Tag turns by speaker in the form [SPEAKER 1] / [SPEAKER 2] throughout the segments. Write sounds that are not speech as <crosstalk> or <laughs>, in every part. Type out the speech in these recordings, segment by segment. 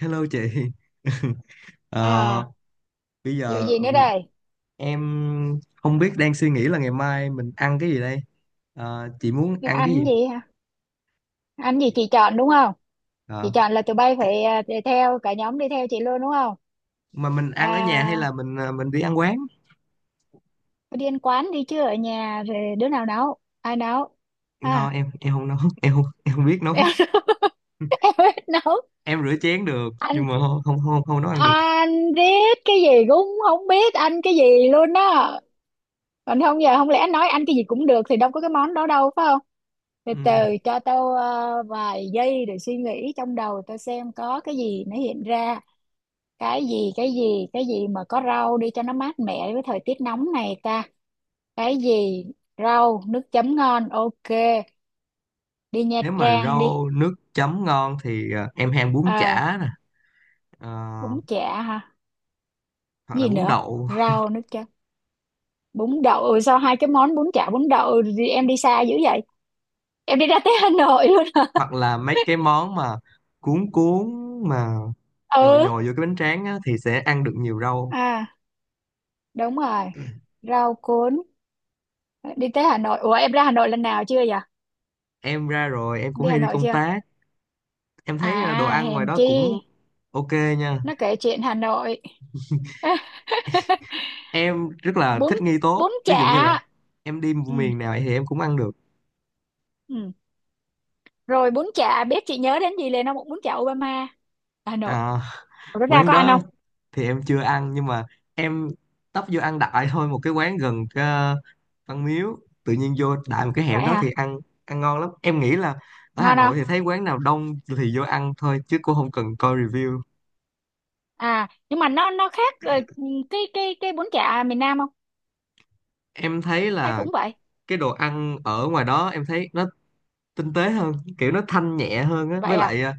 [SPEAKER 1] Hello chị. <laughs> Ờ,
[SPEAKER 2] À,
[SPEAKER 1] bây
[SPEAKER 2] vụ
[SPEAKER 1] giờ
[SPEAKER 2] gì nữa đây?
[SPEAKER 1] em không biết đang suy nghĩ là ngày mai mình ăn cái gì đây. Chị muốn
[SPEAKER 2] Cái
[SPEAKER 1] ăn cái gì?
[SPEAKER 2] anh gì hả? Anh gì chị chọn đúng không? Chị
[SPEAKER 1] Ờ,
[SPEAKER 2] chọn là tụi bay phải, đi theo cả nhóm, đi theo chị luôn đúng không?
[SPEAKER 1] mà mình ăn ở nhà hay
[SPEAKER 2] À,
[SPEAKER 1] là mình đi ăn quán?
[SPEAKER 2] đi ăn quán đi chứ ở nhà rồi đứa nào nấu, ai nấu?
[SPEAKER 1] No,
[SPEAKER 2] Ha.
[SPEAKER 1] em không nấu, <laughs> em không biết nấu.
[SPEAKER 2] <laughs> <laughs>
[SPEAKER 1] <laughs>
[SPEAKER 2] Em biết nấu.
[SPEAKER 1] Em rửa chén được nhưng
[SPEAKER 2] anh
[SPEAKER 1] mà không, không, không, không nấu ăn được.
[SPEAKER 2] anh biết cái gì cũng không biết, anh cái gì luôn á. Còn không, giờ không lẽ anh nói anh cái gì cũng được thì đâu có cái món đó đâu, phải không? Từ
[SPEAKER 1] Ừ.
[SPEAKER 2] từ cho tao vài giây để suy nghĩ trong đầu tao xem có cái gì nó hiện ra. Cái gì mà có rau đi cho nó mát mẻ với thời tiết nóng này ta? Cái gì? Rau nước chấm ngon, ok. Đi Nha
[SPEAKER 1] Nếu mà
[SPEAKER 2] Trang đi.
[SPEAKER 1] rau nước chấm ngon thì em hay ăn bún
[SPEAKER 2] À,
[SPEAKER 1] chả nè, Ờ,
[SPEAKER 2] bún chả hả?
[SPEAKER 1] hoặc là
[SPEAKER 2] Gì
[SPEAKER 1] bún
[SPEAKER 2] nữa?
[SPEAKER 1] đậu, <laughs>
[SPEAKER 2] Rau nữa chứ. Bún đậu, sao hai cái món bún chả bún đậu thì em đi xa dữ vậy? Em đi ra tới Hà Nội luôn hả?
[SPEAKER 1] hoặc là mấy cái món mà cuốn cuốn mà
[SPEAKER 2] <laughs>
[SPEAKER 1] nhồi
[SPEAKER 2] Ừ.
[SPEAKER 1] nhồi vô cái bánh tráng á, thì sẽ ăn được nhiều rau.
[SPEAKER 2] À, đúng rồi, rau cuốn. Đi tới Hà Nội. Ủa em ra Hà Nội lần nào chưa vậy?
[SPEAKER 1] Em ra rồi, em cũng
[SPEAKER 2] Đi Hà
[SPEAKER 1] hay đi
[SPEAKER 2] Nội
[SPEAKER 1] công
[SPEAKER 2] chưa?
[SPEAKER 1] tác. Em
[SPEAKER 2] À,
[SPEAKER 1] thấy đồ ăn ngoài
[SPEAKER 2] hèn
[SPEAKER 1] đó
[SPEAKER 2] chi.
[SPEAKER 1] cũng ok nha.
[SPEAKER 2] Nó kể chuyện Hà Nội. <laughs>
[SPEAKER 1] Em rất là
[SPEAKER 2] bún
[SPEAKER 1] thích nghi tốt,
[SPEAKER 2] Bún
[SPEAKER 1] ví
[SPEAKER 2] chả.
[SPEAKER 1] dụ như là em đi
[SPEAKER 2] Ừ,
[SPEAKER 1] miền nào thì em cũng ăn được.
[SPEAKER 2] ừ. Rồi bún chả, biết chị nhớ đến gì liền không? Bún chả Obama. Hà Nội.
[SPEAKER 1] À,
[SPEAKER 2] Ủa, nó
[SPEAKER 1] <laughs>
[SPEAKER 2] ra
[SPEAKER 1] quán
[SPEAKER 2] có ăn
[SPEAKER 1] đó
[SPEAKER 2] không?
[SPEAKER 1] thì em chưa ăn nhưng mà em tấp vô ăn đại thôi một cái quán gần Văn Miếu, tự nhiên vô đại một cái hẻm
[SPEAKER 2] Vậy
[SPEAKER 1] đó thì
[SPEAKER 2] hả?
[SPEAKER 1] ăn, ăn ngon lắm. Em nghĩ là ở Hà
[SPEAKER 2] Ngon không?
[SPEAKER 1] Nội thì thấy quán nào đông thì vô ăn thôi chứ cũng không cần coi review.
[SPEAKER 2] À nhưng mà nó khác, cái bún chả miền Nam không?
[SPEAKER 1] Em thấy
[SPEAKER 2] Hay
[SPEAKER 1] là
[SPEAKER 2] cũng vậy?
[SPEAKER 1] cái đồ ăn ở ngoài đó em thấy nó tinh tế hơn, kiểu nó thanh nhẹ hơn á,
[SPEAKER 2] Vậy
[SPEAKER 1] với
[SPEAKER 2] à.
[SPEAKER 1] lại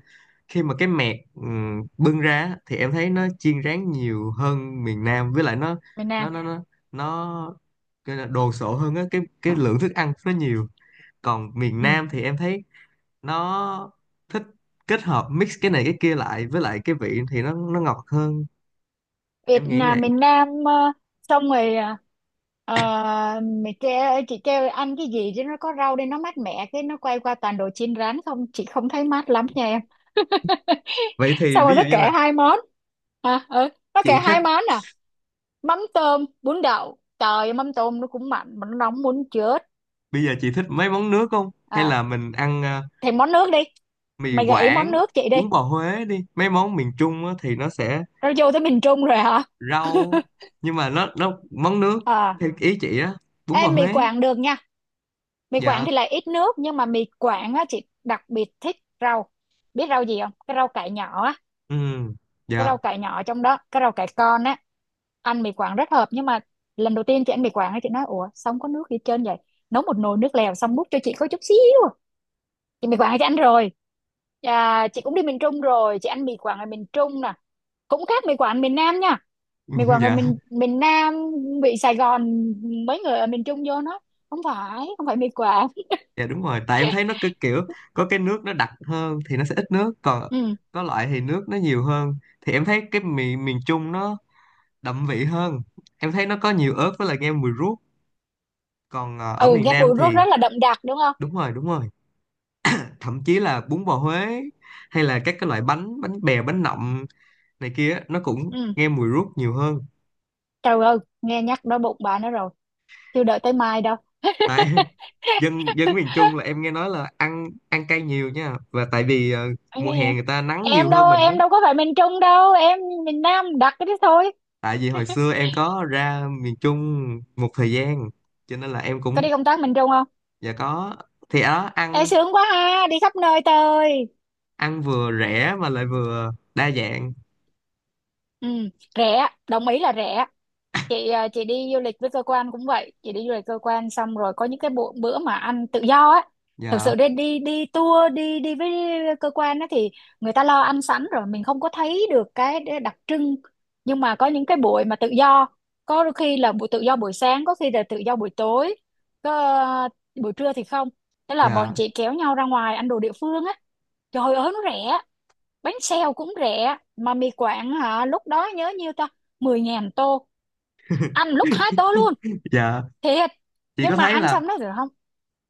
[SPEAKER 1] khi mà cái mẹt bưng ra á, thì em thấy nó chiên rán nhiều hơn miền Nam, với lại
[SPEAKER 2] Miền Nam.
[SPEAKER 1] nó nó nó nó cái là đồ sộ hơn á, cái lượng thức ăn nó nhiều. Còn miền
[SPEAKER 2] Ừ.
[SPEAKER 1] Nam thì em thấy nó thích kết hợp mix cái này cái kia lại, với lại cái vị thì nó ngọt hơn,
[SPEAKER 2] Việt
[SPEAKER 1] em nghĩ
[SPEAKER 2] là
[SPEAKER 1] vậy.
[SPEAKER 2] miền Nam, xong rồi, mày kêu chị kêu ăn cái gì chứ nó có rau đây nó mát mẻ, cái nó quay qua toàn đồ chiên rán không, chị không thấy mát lắm nha em. <laughs>
[SPEAKER 1] Vậy thì
[SPEAKER 2] Xong rồi
[SPEAKER 1] ví
[SPEAKER 2] nó
[SPEAKER 1] dụ như
[SPEAKER 2] kể
[SPEAKER 1] là
[SPEAKER 2] hai món. Nó kể
[SPEAKER 1] chị thích,
[SPEAKER 2] hai món à? Mắm tôm bún đậu, trời ơi, mắm tôm nó cũng mặn mà nó nóng muốn chết.
[SPEAKER 1] bây giờ chị thích mấy món nước không hay
[SPEAKER 2] À
[SPEAKER 1] là mình ăn
[SPEAKER 2] thì món nước đi.
[SPEAKER 1] mì
[SPEAKER 2] Mày gợi ý món
[SPEAKER 1] Quảng,
[SPEAKER 2] nước chị đi.
[SPEAKER 1] bún bò Huế đi, mấy món miền Trung á, thì nó sẽ
[SPEAKER 2] Rồi vô tới miền Trung rồi hả? <laughs>
[SPEAKER 1] rau, nhưng mà nó món nước
[SPEAKER 2] À
[SPEAKER 1] theo ý chị á, bún bò
[SPEAKER 2] em mì
[SPEAKER 1] Huế.
[SPEAKER 2] Quảng được nha. Mì Quảng
[SPEAKER 1] Dạ.
[SPEAKER 2] thì lại ít nước nhưng mà mì Quảng á chị đặc biệt thích. Rau. Biết rau gì không? Cái rau cải nhỏ á.
[SPEAKER 1] Ừ.
[SPEAKER 2] Cái
[SPEAKER 1] Dạ.
[SPEAKER 2] rau cải nhỏ, trong đó cái rau cải con á, ăn mì Quảng rất hợp. Nhưng mà lần đầu tiên chị ăn mì Quảng á, chị nói ủa sao không có nước gì hết trơn vậy? Nấu một nồi nước lèo xong múc cho chị có chút xíu à. Chị mì Quảng chị ăn rồi. À, chị cũng đi miền Trung rồi, chị ăn mì Quảng ở miền Trung nè, cũng khác mì Quảng miền Nam nha. Mình vào
[SPEAKER 1] <laughs>
[SPEAKER 2] người
[SPEAKER 1] Dạ,
[SPEAKER 2] miền miền Nam, bị Sài Gòn. Mấy người ở miền Trung vô nó không phải mì quảng.
[SPEAKER 1] dạ, đúng rồi, tại em thấy nó cứ kiểu có cái nước nó đặc hơn thì nó sẽ ít nước, còn
[SPEAKER 2] Ừ.
[SPEAKER 1] có loại thì nước nó nhiều hơn. Thì em thấy cái miền miền Trung nó đậm vị hơn, em thấy nó có nhiều ớt, với lại nghe mùi ruốc. Còn ở
[SPEAKER 2] Ừ,
[SPEAKER 1] miền
[SPEAKER 2] nghe
[SPEAKER 1] Nam
[SPEAKER 2] mùi nước
[SPEAKER 1] thì
[SPEAKER 2] rất là đậm đặc đúng không?
[SPEAKER 1] đúng rồi, đúng rồi, thậm chí là bún bò Huế hay là các cái loại bánh, bánh bèo, bánh nậm này kia á, nó cũng
[SPEAKER 2] Ừ.
[SPEAKER 1] nghe mùi ruốc nhiều hơn.
[SPEAKER 2] Trời ơi nghe nhắc đói bụng bà nó rồi, chưa đợi tới mai đâu. <laughs>
[SPEAKER 1] Tại dân dân miền Trung là em nghe nói là ăn ăn cay nhiều nha, và tại vì
[SPEAKER 2] Anh
[SPEAKER 1] mùa
[SPEAKER 2] cái gì?
[SPEAKER 1] hè người ta nắng nhiều
[SPEAKER 2] em
[SPEAKER 1] hơn
[SPEAKER 2] đâu
[SPEAKER 1] mình đó.
[SPEAKER 2] em đâu có phải miền Trung đâu em, miền Nam đặc cái đó thôi.
[SPEAKER 1] Tại vì hồi
[SPEAKER 2] <laughs>
[SPEAKER 1] xưa em có ra miền Trung một thời gian, cho nên là em
[SPEAKER 2] Có
[SPEAKER 1] cũng,
[SPEAKER 2] đi công tác miền Trung không?
[SPEAKER 1] dạ có, thì ở đó
[SPEAKER 2] Ê
[SPEAKER 1] ăn
[SPEAKER 2] sướng quá ha, đi khắp nơi tơi.
[SPEAKER 1] ăn vừa rẻ mà lại vừa đa dạng.
[SPEAKER 2] Ừ, rẻ đồng ý là rẻ. Chị đi du lịch với cơ quan cũng vậy, chị đi du lịch cơ quan xong rồi có những cái bữa mà ăn tự do á. Thực
[SPEAKER 1] Dạ,
[SPEAKER 2] sự đi đi đi tour đi đi với cơ quan á thì người ta lo ăn sẵn rồi mình không có thấy được cái đặc trưng. Nhưng mà có những cái buổi mà tự do, có đôi khi là buổi tự do buổi sáng, có khi là tự do buổi tối, có, à, buổi trưa thì không. Thế là bọn
[SPEAKER 1] dạ,
[SPEAKER 2] chị kéo nhau ra ngoài ăn đồ địa phương á. Trời ơi nó rẻ. Bánh xèo cũng rẻ, mà mì Quảng hả, lúc đó nhớ nhiêu ta, 10.000 tô, ăn lúc hai tô luôn.
[SPEAKER 1] dạ.
[SPEAKER 2] Thiệt.
[SPEAKER 1] Chị
[SPEAKER 2] Nhưng
[SPEAKER 1] có
[SPEAKER 2] mà
[SPEAKER 1] thấy
[SPEAKER 2] ăn
[SPEAKER 1] là
[SPEAKER 2] xong nó rồi không,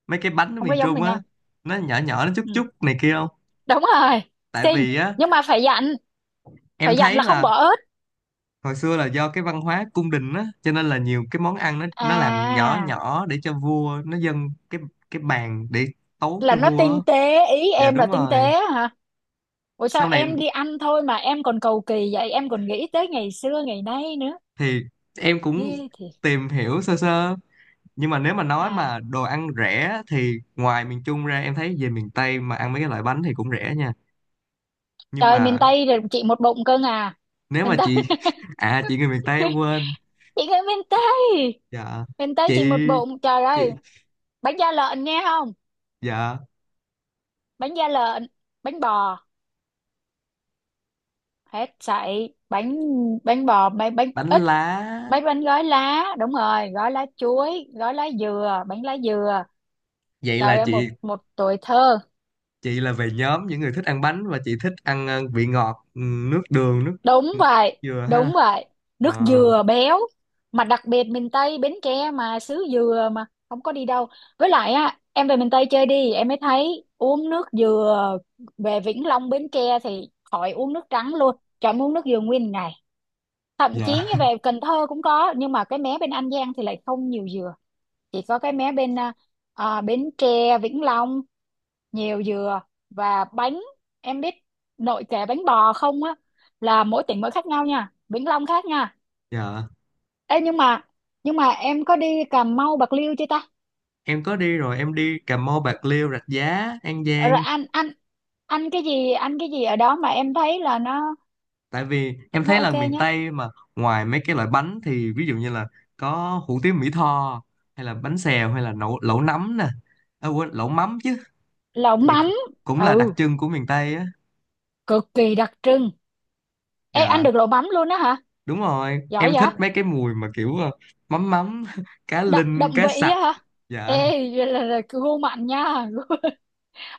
[SPEAKER 1] mấy cái bánh ở
[SPEAKER 2] không có
[SPEAKER 1] miền
[SPEAKER 2] giống
[SPEAKER 1] Trung
[SPEAKER 2] miền
[SPEAKER 1] á
[SPEAKER 2] Nam.
[SPEAKER 1] nó nhỏ nhỏ, nó chút
[SPEAKER 2] Ừ,
[SPEAKER 1] chút này kia không?
[SPEAKER 2] đúng rồi.
[SPEAKER 1] Tại
[SPEAKER 2] Xinh.
[SPEAKER 1] vì á,
[SPEAKER 2] Nhưng mà phải dặn,
[SPEAKER 1] em
[SPEAKER 2] phải dặn
[SPEAKER 1] thấy
[SPEAKER 2] là không
[SPEAKER 1] là
[SPEAKER 2] bỏ ớt.
[SPEAKER 1] hồi xưa là do cái văn hóa cung đình á, cho nên là nhiều cái món ăn nó làm nhỏ
[SPEAKER 2] À,
[SPEAKER 1] nhỏ để cho vua nó dâng cái bàn để tấu
[SPEAKER 2] là
[SPEAKER 1] cho
[SPEAKER 2] nó
[SPEAKER 1] vua á.
[SPEAKER 2] tinh tế, ý
[SPEAKER 1] Dạ
[SPEAKER 2] em là
[SPEAKER 1] đúng
[SPEAKER 2] tinh tế
[SPEAKER 1] rồi.
[SPEAKER 2] hả? Ủa sao
[SPEAKER 1] Sau này
[SPEAKER 2] em đi ăn thôi mà em còn cầu kỳ vậy, em còn nghĩ tới ngày xưa ngày nay nữa.
[SPEAKER 1] thì em cũng
[SPEAKER 2] Ê, thiệt.
[SPEAKER 1] tìm hiểu sơ sơ, nhưng mà nếu mà nói
[SPEAKER 2] À
[SPEAKER 1] mà đồ ăn rẻ á, thì ngoài miền Trung ra, em thấy về miền Tây mà ăn mấy cái loại bánh thì cũng rẻ nha, nhưng
[SPEAKER 2] trời, miền
[SPEAKER 1] mà
[SPEAKER 2] Tây rồi chị một bụng cưng à.
[SPEAKER 1] nếu
[SPEAKER 2] Miền
[SPEAKER 1] mà
[SPEAKER 2] Tây.
[SPEAKER 1] chị,
[SPEAKER 2] <laughs>
[SPEAKER 1] <laughs> à chị người miền Tây em quên.
[SPEAKER 2] Chị người miền Tây.
[SPEAKER 1] Dạ.
[SPEAKER 2] Miền Tây chị một
[SPEAKER 1] chị
[SPEAKER 2] bụng trời ơi.
[SPEAKER 1] chị
[SPEAKER 2] Bánh da lợn nghe không?
[SPEAKER 1] Dạ.
[SPEAKER 2] Bánh da lợn, bánh bò, hết sậy bánh. Bánh bò, bánh bánh
[SPEAKER 1] Bánh
[SPEAKER 2] ít,
[SPEAKER 1] lá.
[SPEAKER 2] bánh bánh gói lá, đúng rồi, gói lá chuối, gói lá dừa, bánh lá dừa.
[SPEAKER 1] Vậy là
[SPEAKER 2] Trời ơi,
[SPEAKER 1] chị
[SPEAKER 2] một một tuổi thơ.
[SPEAKER 1] chị là về nhóm những người thích ăn bánh, và chị thích ăn vị ngọt, nước đường, nước
[SPEAKER 2] Đúng
[SPEAKER 1] nước
[SPEAKER 2] vậy,
[SPEAKER 1] dừa ha.
[SPEAKER 2] đúng vậy. Nước
[SPEAKER 1] Ờ,
[SPEAKER 2] dừa béo, mà đặc biệt miền Tây Bến Tre mà xứ dừa mà không có đi đâu. Với lại á, em về miền Tây chơi đi em mới thấy uống nước dừa. Về Vĩnh Long Bến Tre thì khỏi uống nước trắng luôn trời, em uống nước dừa nguyên ngày. Thậm chí
[SPEAKER 1] dạ.
[SPEAKER 2] như về
[SPEAKER 1] <laughs>
[SPEAKER 2] Cần Thơ cũng có, nhưng mà cái mé bên An Giang thì lại không nhiều dừa. Chỉ có cái mé bên, Bến Tre Vĩnh Long nhiều dừa. Và bánh, em biết nội kệ bánh bò không á, là mỗi tỉnh mỗi khác nhau nha, Vĩnh Long khác nha.
[SPEAKER 1] Dạ,
[SPEAKER 2] Ê, nhưng mà em có đi Cà Mau Bạc Liêu chưa ta?
[SPEAKER 1] em có đi rồi, em đi Cà Mau, Bạc Liêu, Rạch Giá, An
[SPEAKER 2] Rồi
[SPEAKER 1] Giang.
[SPEAKER 2] ăn, ăn cái gì, ăn cái gì ở đó mà em thấy là
[SPEAKER 1] Tại vì em thấy
[SPEAKER 2] nó
[SPEAKER 1] là
[SPEAKER 2] ok
[SPEAKER 1] miền
[SPEAKER 2] nhất?
[SPEAKER 1] Tây mà, ngoài mấy cái loại bánh thì ví dụ như là có hủ tiếu Mỹ Tho, hay là bánh xèo, hay là lẩu, lẩu nấm nè, à, quên, lẩu mắm chứ,
[SPEAKER 2] Lẩu
[SPEAKER 1] thì cũng
[SPEAKER 2] mắm.
[SPEAKER 1] cũng là đặc
[SPEAKER 2] Ừ,
[SPEAKER 1] trưng của miền Tây á.
[SPEAKER 2] cực kỳ đặc trưng. Ê, ăn
[SPEAKER 1] Dạ
[SPEAKER 2] được lẩu mắm luôn á hả?
[SPEAKER 1] đúng rồi,
[SPEAKER 2] Giỏi
[SPEAKER 1] em thích
[SPEAKER 2] vậy.
[SPEAKER 1] mấy cái mùi mà kiểu mắm mắm <laughs> cá
[SPEAKER 2] Đậm, đậm
[SPEAKER 1] linh, cá
[SPEAKER 2] vị
[SPEAKER 1] sặc.
[SPEAKER 2] á hả?
[SPEAKER 1] Dạ
[SPEAKER 2] Ê, <laughs> là gu mặn nha,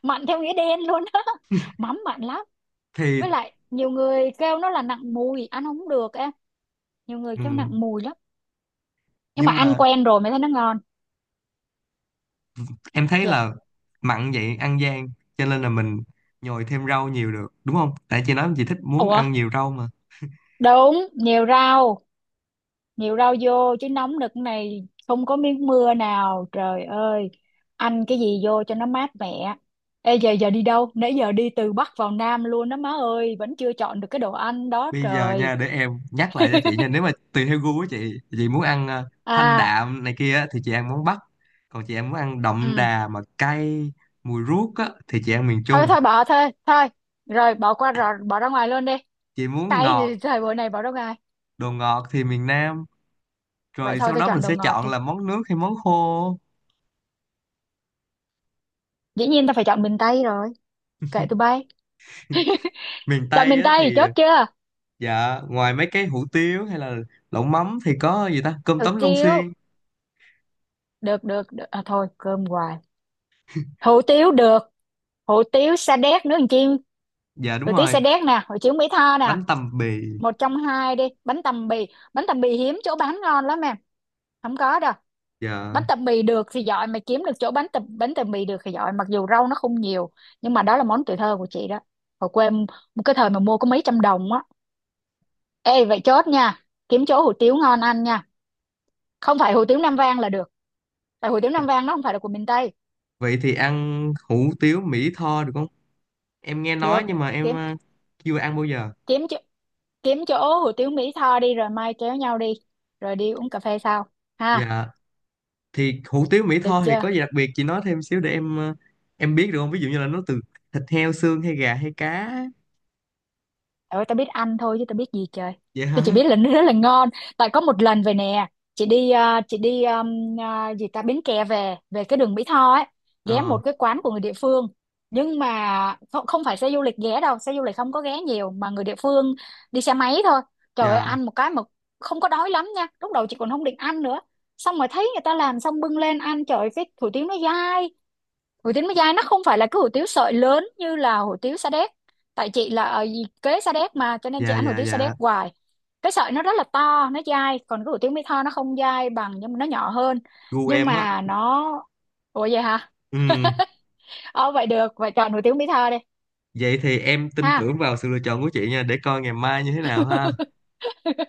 [SPEAKER 2] mặn theo nghĩa đen luôn á. <laughs> Mắm mặn lắm.
[SPEAKER 1] thì,
[SPEAKER 2] Với lại nhiều người kêu nó là nặng mùi ăn không được em, nhiều người kêu nặng
[SPEAKER 1] ừ,
[SPEAKER 2] mùi lắm. Nhưng mà
[SPEAKER 1] nhưng
[SPEAKER 2] ăn
[SPEAKER 1] mà
[SPEAKER 2] quen rồi mới thấy nó ngon.
[SPEAKER 1] em thấy
[SPEAKER 2] Chà.
[SPEAKER 1] là mặn vậy ăn gian, cho nên là mình nhồi thêm rau nhiều được đúng không? Tại chị nói chị thích muốn
[SPEAKER 2] Ủa,
[SPEAKER 1] ăn nhiều rau mà.
[SPEAKER 2] đúng, nhiều rau, nhiều rau vô chứ, nóng nực này không có miếng mưa nào trời ơi, ăn cái gì vô cho nó mát mẻ. Ê giờ giờ đi đâu? Nãy giờ đi từ Bắc vào Nam luôn đó má ơi, vẫn chưa chọn được cái đồ ăn đó
[SPEAKER 1] Bây giờ
[SPEAKER 2] trời.
[SPEAKER 1] nha, để em nhắc lại cho chị nha, nếu mà tùy theo gu của chị muốn ăn thanh
[SPEAKER 2] À,
[SPEAKER 1] đạm này kia á, thì chị ăn món Bắc, còn chị em muốn ăn đậm
[SPEAKER 2] ừ.
[SPEAKER 1] đà mà cay, mùi ruốc á thì chị ăn miền
[SPEAKER 2] Thôi
[SPEAKER 1] Trung.
[SPEAKER 2] thôi bỏ thôi, thôi. Rồi bỏ qua rồi, bỏ ra ngoài luôn đi.
[SPEAKER 1] Chị muốn
[SPEAKER 2] Tay thì
[SPEAKER 1] ngọt,
[SPEAKER 2] thời buổi này bỏ đâu ai.
[SPEAKER 1] đồ ngọt thì miền Nam.
[SPEAKER 2] Vậy
[SPEAKER 1] Rồi
[SPEAKER 2] thôi
[SPEAKER 1] sau
[SPEAKER 2] tao
[SPEAKER 1] đó mình
[SPEAKER 2] chọn đồ
[SPEAKER 1] sẽ
[SPEAKER 2] ngọt
[SPEAKER 1] chọn
[SPEAKER 2] đi.
[SPEAKER 1] là món nước hay món khô.
[SPEAKER 2] Dĩ nhiên tao phải chọn miền Tây rồi. Kệ tụi bay.
[SPEAKER 1] Miền
[SPEAKER 2] Chọn
[SPEAKER 1] Tây
[SPEAKER 2] miền
[SPEAKER 1] á
[SPEAKER 2] Tây
[SPEAKER 1] thì,
[SPEAKER 2] chốt chưa?
[SPEAKER 1] dạ, ngoài mấy cái hủ tiếu hay là lẩu mắm thì có gì ta, cơm
[SPEAKER 2] Hủ
[SPEAKER 1] tấm Long
[SPEAKER 2] tiếu.
[SPEAKER 1] Xuyên?
[SPEAKER 2] Được, được, được. À thôi cơm hoài. Hủ tiếu được. Hủ tiếu Sa Đéc nướng chiên.
[SPEAKER 1] Dạ đúng
[SPEAKER 2] Hủ tiếu
[SPEAKER 1] rồi,
[SPEAKER 2] Sa Đéc nè. Hủ tiếu Mỹ Tho nè.
[SPEAKER 1] bánh tằm bì.
[SPEAKER 2] Một trong hai đi. Bánh tằm bì. Bánh tằm bì hiếm chỗ bán ngon lắm em, không có đâu.
[SPEAKER 1] Dạ.
[SPEAKER 2] Bánh tằm bì được thì giỏi. Mà kiếm được chỗ bánh tằm bì được thì giỏi. Mặc dù rau nó không nhiều, nhưng mà đó là món tuổi thơ của chị đó. Hồi quê em- một cái thời mà mua có mấy trăm đồng á. Ê vậy chốt nha, kiếm chỗ hủ tiếu ngon ăn nha. Không phải hủ tiếu Nam Vang là được, tại hủ tiếu Nam Vang nó không phải là của miền Tây.
[SPEAKER 1] Vậy thì ăn hủ tiếu Mỹ Tho được không? Em nghe
[SPEAKER 2] Được.
[SPEAKER 1] nói nhưng mà em
[SPEAKER 2] Kiếm
[SPEAKER 1] chưa ăn bao giờ.
[SPEAKER 2] kiếm chỗ, kiếm chỗ hủ tiếu Mỹ Tho đi. Rồi mai kéo nhau đi, rồi đi uống cà phê sau. Ha.
[SPEAKER 1] Dạ, thì hủ tiếu Mỹ
[SPEAKER 2] Được
[SPEAKER 1] Tho thì
[SPEAKER 2] chưa?
[SPEAKER 1] có gì đặc biệt chị nói thêm xíu để em biết được không? Ví dụ như là nó từ thịt heo, xương hay gà hay cá.
[SPEAKER 2] Trời ơi tao biết ăn thôi chứ tao biết gì trời.
[SPEAKER 1] Dạ, <laughs>
[SPEAKER 2] Tôi chỉ
[SPEAKER 1] hả?
[SPEAKER 2] biết là nó rất là ngon. Tại có một lần về nè, chị đi gì ta, Bến Tre về về cái đường Mỹ Tho ấy, ghé một
[SPEAKER 1] Ờ.
[SPEAKER 2] cái quán của người địa phương. Nhưng mà không, không phải xe du lịch ghé đâu, xe du lịch không có ghé nhiều mà người địa phương đi xe máy thôi. Trời ơi
[SPEAKER 1] Dạ,
[SPEAKER 2] ăn một cái mà không có đói lắm nha, lúc đầu chị còn không định ăn nữa. Xong rồi thấy người ta làm xong bưng lên ăn, trời ơi, cái hủ tiếu nó dai. Hủ tiếu Mỹ Giai nó không phải là cái hủ tiếu sợi lớn như là hủ tiếu Sa Đéc, tại chị là ở kế Sa Đéc mà cho nên chị
[SPEAKER 1] dạ,
[SPEAKER 2] ăn hủ
[SPEAKER 1] dạ,
[SPEAKER 2] tiếu Sa Đéc
[SPEAKER 1] dạ,
[SPEAKER 2] hoài, cái sợi nó rất là to nó dai, còn cái hủ tiếu Mỹ Tho nó không dai bằng nhưng mà nó nhỏ hơn.
[SPEAKER 1] gu
[SPEAKER 2] Nhưng
[SPEAKER 1] em á.
[SPEAKER 2] mà nó, ủa vậy hả? <laughs>
[SPEAKER 1] Ừ.
[SPEAKER 2] Ờ Vậy được, vậy chọn hủ tiếu Mỹ Tho đi.
[SPEAKER 1] Vậy thì em tin
[SPEAKER 2] Ha.
[SPEAKER 1] tưởng vào sự lựa chọn của chị nha, để coi ngày mai như thế nào ha.
[SPEAKER 2] <laughs>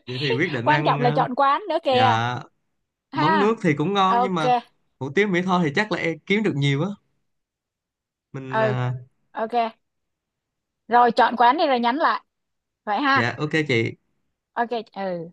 [SPEAKER 1] Vậy thì quyết định
[SPEAKER 2] Quan
[SPEAKER 1] ăn
[SPEAKER 2] trọng là chọn quán nữa kìa.
[SPEAKER 1] dạ, món nước
[SPEAKER 2] Ha,
[SPEAKER 1] thì cũng ngon, nhưng
[SPEAKER 2] ok.
[SPEAKER 1] mà hủ tiếu mỹ tho thì chắc là em kiếm được nhiều á, mình
[SPEAKER 2] Ừ, ok. Rồi chọn quán đi rồi nhắn lại vậy ha.
[SPEAKER 1] dạ, ok chị.
[SPEAKER 2] Ok, ừ.